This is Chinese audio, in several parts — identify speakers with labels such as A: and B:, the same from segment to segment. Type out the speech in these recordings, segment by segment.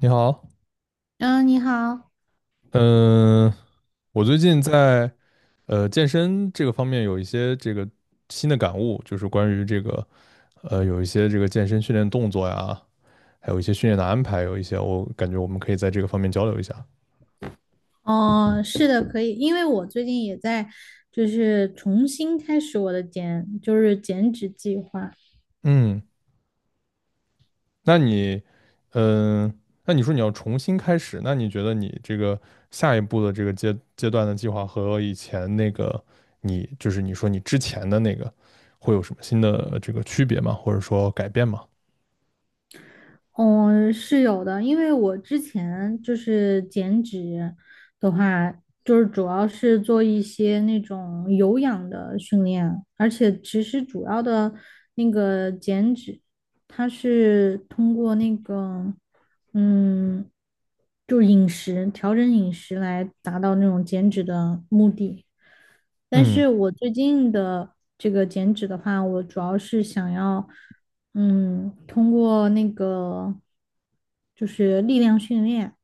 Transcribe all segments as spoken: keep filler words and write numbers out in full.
A: 你好，
B: 嗯，你好。
A: 嗯，我最近在呃健身这个方面有一些这个新的感悟，就是关于这个呃有一些这个健身训练动作呀，还有一些训练的安排，有一些我感觉我们可以在这个方面交流一下。
B: 哦，是的，可以，因为我最近也在，就是重新开始我的减，就是减脂计划。
A: 嗯，那你，嗯，那你说你要重新开始，那你觉得你这个下一步的这个阶阶段的计划和以前那个你就是你说你之前的那个会有什么新的这个区别吗？或者说改变吗？
B: 嗯，是有的，因为我之前就是减脂的话，就是主要是做一些那种有氧的训练，而且其实主要的那个减脂，它是通过那个，嗯，就饮食，调整饮食来达到那种减脂的目的。但
A: 嗯。
B: 是我最近的这个减脂的话，我主要是想要，嗯，通过那个就是力量训练，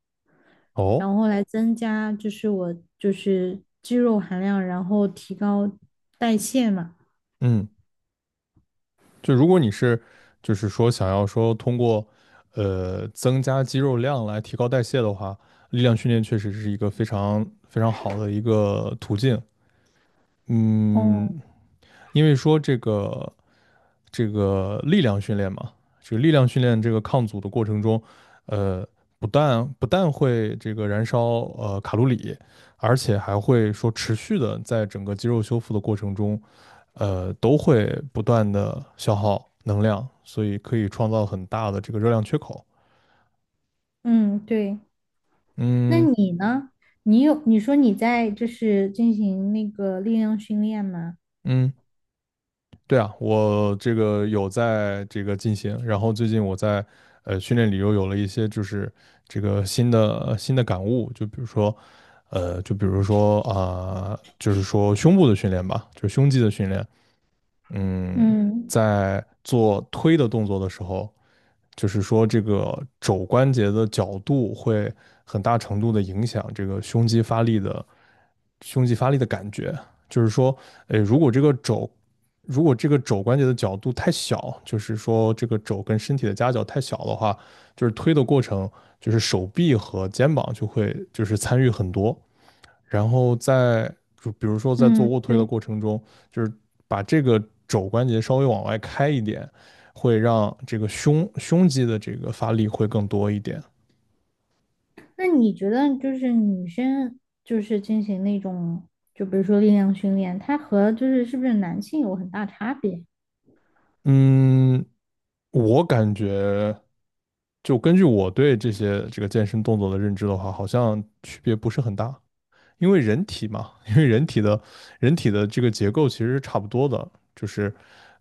A: 哦，
B: 然后来增加就是我就是肌肉含量，然后提高代谢嘛。
A: 嗯，就如果你是就是说想要说通过呃增加肌肉量来提高代谢的话，力量训练确实是一个非常非常好的一个途径。
B: 哦。
A: 嗯，因为说这个这个力量训练嘛，这个力量训练这个抗阻的过程中，呃，不但不但会这个燃烧呃卡路里，而且还会说持续的在整个肌肉修复的过程中。呃，都会不断的消耗能量，所以可以创造很大的这个热量缺口。
B: 嗯，对。那
A: 嗯
B: 你呢？你有，你说你在就是进行那个力量训练吗？
A: 嗯，对啊，我这个有在这个进行，然后最近我在呃训练里又有了一些就是这个新的新的感悟，就比如说呃，就比如说啊、就是说胸部的训练吧，就是胸肌的训练，嗯，
B: 嗯
A: 在做推的动作的时候，就是说这个肘关节的角度会很大程度的影响这个胸肌发力的胸肌发力的感觉。就是说，呃，如果这个肘如果这个肘关节的角度太小，就是说这个肘跟身体的夹角太小的话，就是推的过程，就是手臂和肩膀就会就是参与很多。然后在就比如说在做
B: 嗯，
A: 卧推的
B: 对。
A: 过程中，就是把这个肘关节稍微往外开一点，会让这个胸胸肌的这个发力会更多一点。
B: 那你觉得就是女生就是进行那种，就比如说力量训练，它和就是是不是男性有很大差别？
A: 嗯，我感觉就根据我对这些这个健身动作的认知的话，好像区别不是很大。因为人体嘛，因为人体的人体的这个结构其实是差不多的，就是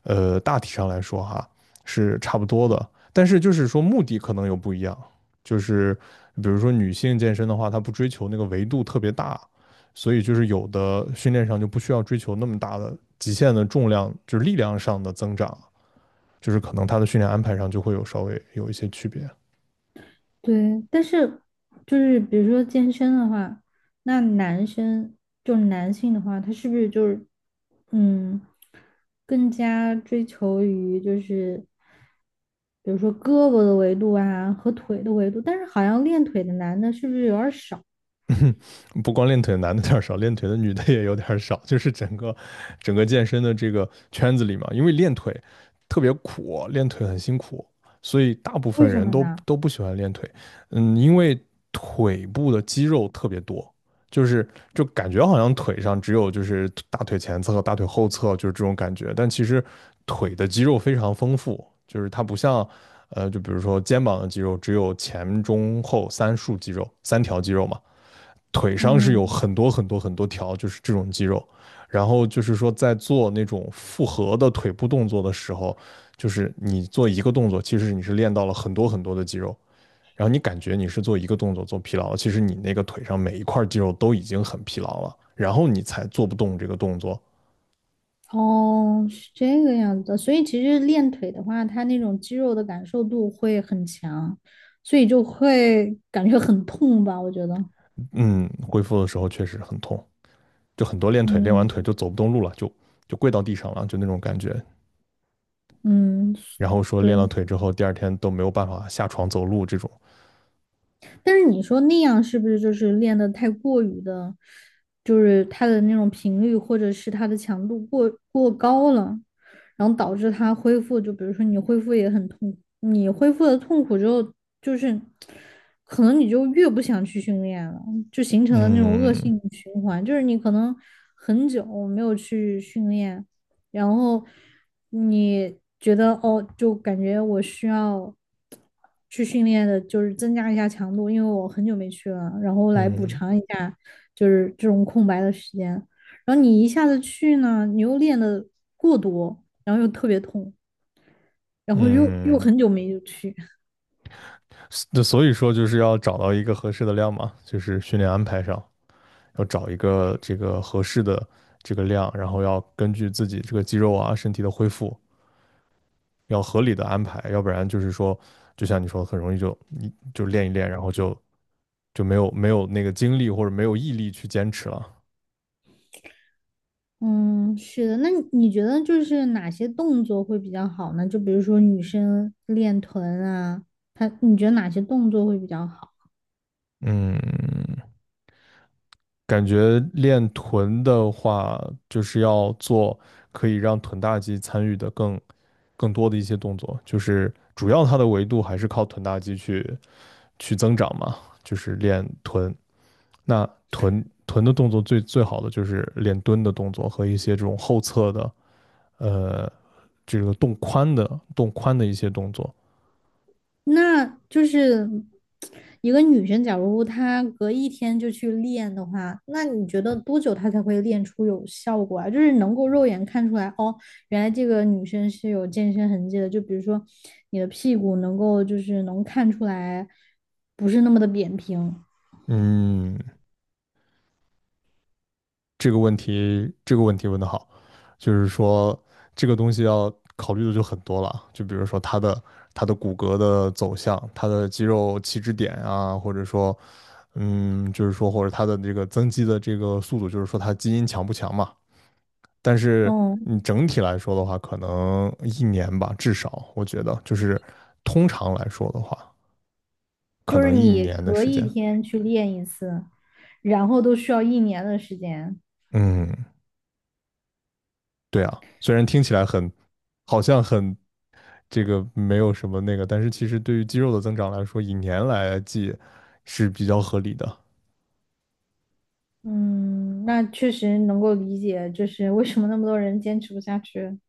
A: 呃大体上来说哈是差不多的，但是就是说目的可能有不一样，就是比如说女性健身的话，她不追求那个维度特别大，所以就是有的训练上就不需要追求那么大的极限的重量，就是力量上的增长，就是可能她的训练安排上就会有稍微有一些区别。
B: 对，但是就是比如说健身的话，那男生就男性的话，他是不是就是，嗯，更加追求于就是比如说胳膊的维度啊和腿的维度，但是好像练腿的男的是不是有点儿少？
A: 不光练腿的男的有点少，练腿的女的也有点少，就是整个整个健身的这个圈子里嘛，因为练腿特别苦，练腿很辛苦，所以大部分
B: 为什
A: 人
B: 么
A: 都
B: 呢？
A: 都不喜欢练腿。嗯，因为腿部的肌肉特别多，就是就感觉好像腿上只有就是大腿前侧和大腿后侧就是这种感觉，但其实腿的肌肉非常丰富，就是它不像。呃，就比如说肩膀的肌肉只有前中后三束肌肉，三条肌肉嘛，腿上是有
B: 嗯。
A: 很多很多很多条，就是这种肌肉。然后就是说，在做那种复合的腿部动作的时候，就是你做一个动作，其实你是练到了很多很多的肌肉。然后你感觉你是做一个动作做疲劳了，其实你那个腿上每一块肌肉都已经很疲劳了，然后你才做不动这个动作。
B: 哦，是这个样子的，所以其实练腿的话，它那种肌肉的感受度会很强，所以就会感觉很痛吧，我觉得。
A: 嗯，恢复的时候确实很痛，就很多练腿练完腿
B: 嗯。
A: 就走不动路了，就就跪到地上了，就那种感觉。
B: 嗯，
A: 然后说
B: 对。
A: 练了腿之后，第二天都没有办法下床走路这种。
B: 但是你说那样是不是就是练的太过于的，就是它的那种频率或者是它的强度过过高了，然后导致它恢复，就比如说你恢复也很痛苦，你恢复的痛苦之后，就是可能你就越不想去训练了，就形成了那种恶
A: 嗯，
B: 性循环，就是你可能很久没有去训练，然后你觉得哦，就感觉我需要去训练的，就是增加一下强度，因为我很久没去了，然后来补
A: 嗯
B: 偿一下，就是这种空白的时间。然后你一下子去呢，你又练的过多，然后又特别痛，然后又又
A: 嗯，
B: 很久没有去。
A: 那所以说就是要找到一个合适的量嘛，就是训练安排上要找一个这个合适的这个量，然后要根据自己这个肌肉啊身体的恢复，要合理的安排，要不然就是说，就像你说的，很容易就你就练一练，然后就就没有没有那个精力或者没有毅力去坚持了。
B: 嗯，是的。那你你觉得就是哪些动作会比较好呢？就比如说女生练臀啊，她你觉得哪些动作会比较好？
A: 嗯感觉练臀的话，就是要做可以让臀大肌参与的更更多的一些动作，就是主要它的维度还是靠臀大肌去去增长嘛，就是练臀。那臀臀的动作最最好的就是练蹲的动作和一些这种后侧的呃这个动髋的动髋的一些动作。
B: 那就是一个女生，假如她隔一天就去练的话，那你觉得多久她才会练出有效果啊？就是能够肉眼看出来，哦，原来这个女生是有健身痕迹的。就比如说你的屁股能够就是能看出来不是那么的扁平。
A: 嗯，这个问题，这个问题问得好，就是说这个东西要考虑的就很多了，就比如说它的它的骨骼的走向，它的肌肉起止点啊，或者说，嗯，就是说或者它的这个增肌的这个速度，就是说它基因强不强嘛。但是
B: 嗯，
A: 你整体来说的话，可能一年吧，至少我觉得就是通常来说的话，可
B: 就是
A: 能一
B: 你
A: 年的
B: 隔
A: 时
B: 一
A: 间。
B: 天去练一次，然后都需要一年的时间。
A: 嗯，对啊，虽然听起来很，好像很这个没有什么那个，但是其实对于肌肉的增长来说，以年来计是比较合理的。
B: 嗯，那确实能够理解，就是为什么那么多人坚持不下去。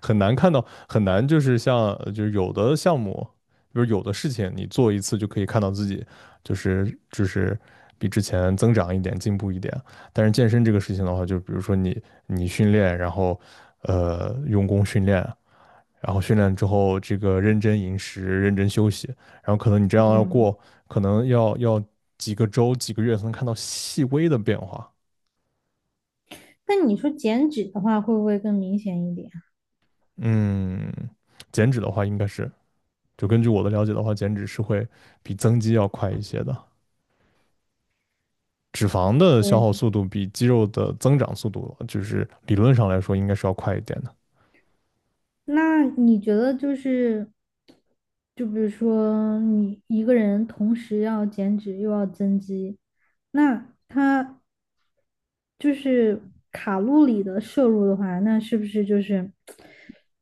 A: 很难看到，很难就是像呃就是有的项目，比如有的事情，你做一次就可以看到自己就是就是比之前增长一点，进步一点。但是健身这个事情的话，就比如说你你训练，然后呃用功训练，然后训练之后，这个认真饮食、认真休息，然后可能你这样要
B: 嗯。
A: 过，可能要要几个周、几个月才能看到细微的变化。
B: 那你说减脂的话，会不会更明显一点？
A: 嗯，减脂的话，应该是就根据我的了解的话，减脂是会比增肌要快一些的。脂肪的消
B: 对，
A: 耗速度比肌肉的增长速度，就是理论上来说应该是要快一点的。
B: 那你觉得就是，就比如说你一个人同时要减脂又要增肌，那他就是卡路里的摄入的话，那是不是就是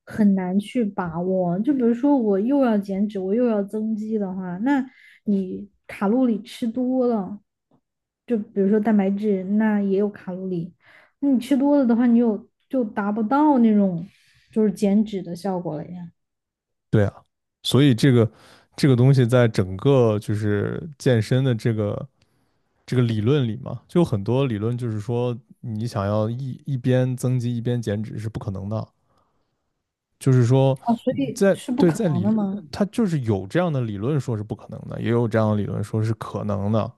B: 很难去把握？就比如说我又要减脂，我又要增肌的话，那你卡路里吃多了，就比如说蛋白质，那也有卡路里。那你吃多了的话，你有就达不到那种就是减脂的效果了呀。
A: 对啊，所以这个这个东西在整个就是健身的这个这个理论里嘛，就有很多理论就是说，你想要一一边增肌一边减脂是不可能的。就是说，
B: 啊，所以
A: 在
B: 是不
A: 对
B: 可
A: 在
B: 能的
A: 理，
B: 嘛。
A: 他就是有这样的理论说是不可能的，也有这样的理论说是可能的。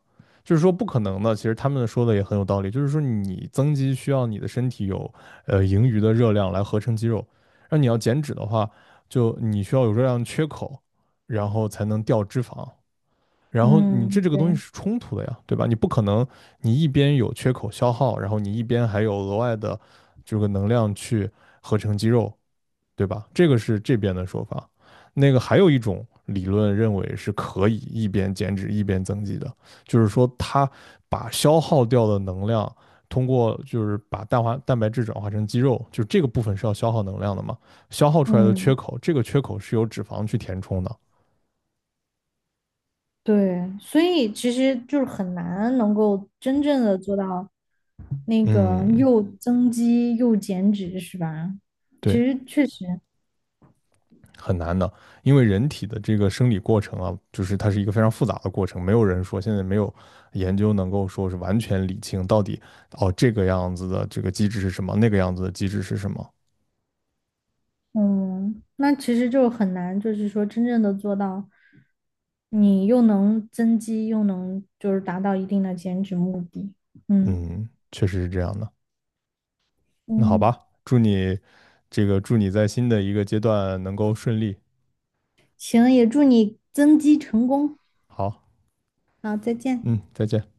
A: 就是说不可能的，其实他们说的也很有道理。就是说你增肌需要你的身体有呃盈余的热量来合成肌肉，那你要减脂的话，就你需要有热量缺口，然后才能掉脂肪。然后你这
B: 嗯，
A: 这个东西
B: 对。
A: 是冲突的呀，对吧？你不可能你一边有缺口消耗，然后你一边还有额外的这个能量去合成肌肉，对吧？这个是这边的说法。那个还有一种理论认为是可以一边减脂一边增肌的，就是说它把消耗掉的能量通过就是把蛋化蛋白质转化成肌肉，就这个部分是要消耗能量的嘛，消耗出来的缺
B: 嗯，
A: 口，这个缺口是由脂肪去填充的。
B: 对，所以其实就是很难能够真正的做到那个
A: 嗯，
B: 又增肌又减脂，是吧？其
A: 对。
B: 实确实。
A: 很难的，因为人体的这个生理过程啊，就是它是一个非常复杂的过程，没有人说现在没有研究能够说是完全理清到底哦这个样子的这个机制是什么，那个样子的机制是什么。
B: 嗯，那其实就很难，就是说真正的做到，你又能增肌，又能就是达到一定的减脂目的。嗯
A: 嗯，确实是这样的。那好
B: 嗯。
A: 吧，祝你这个祝你在新的一个阶段能够顺利。
B: 行，也祝你增肌成功。
A: 好，
B: 好，再见。
A: 嗯，再见。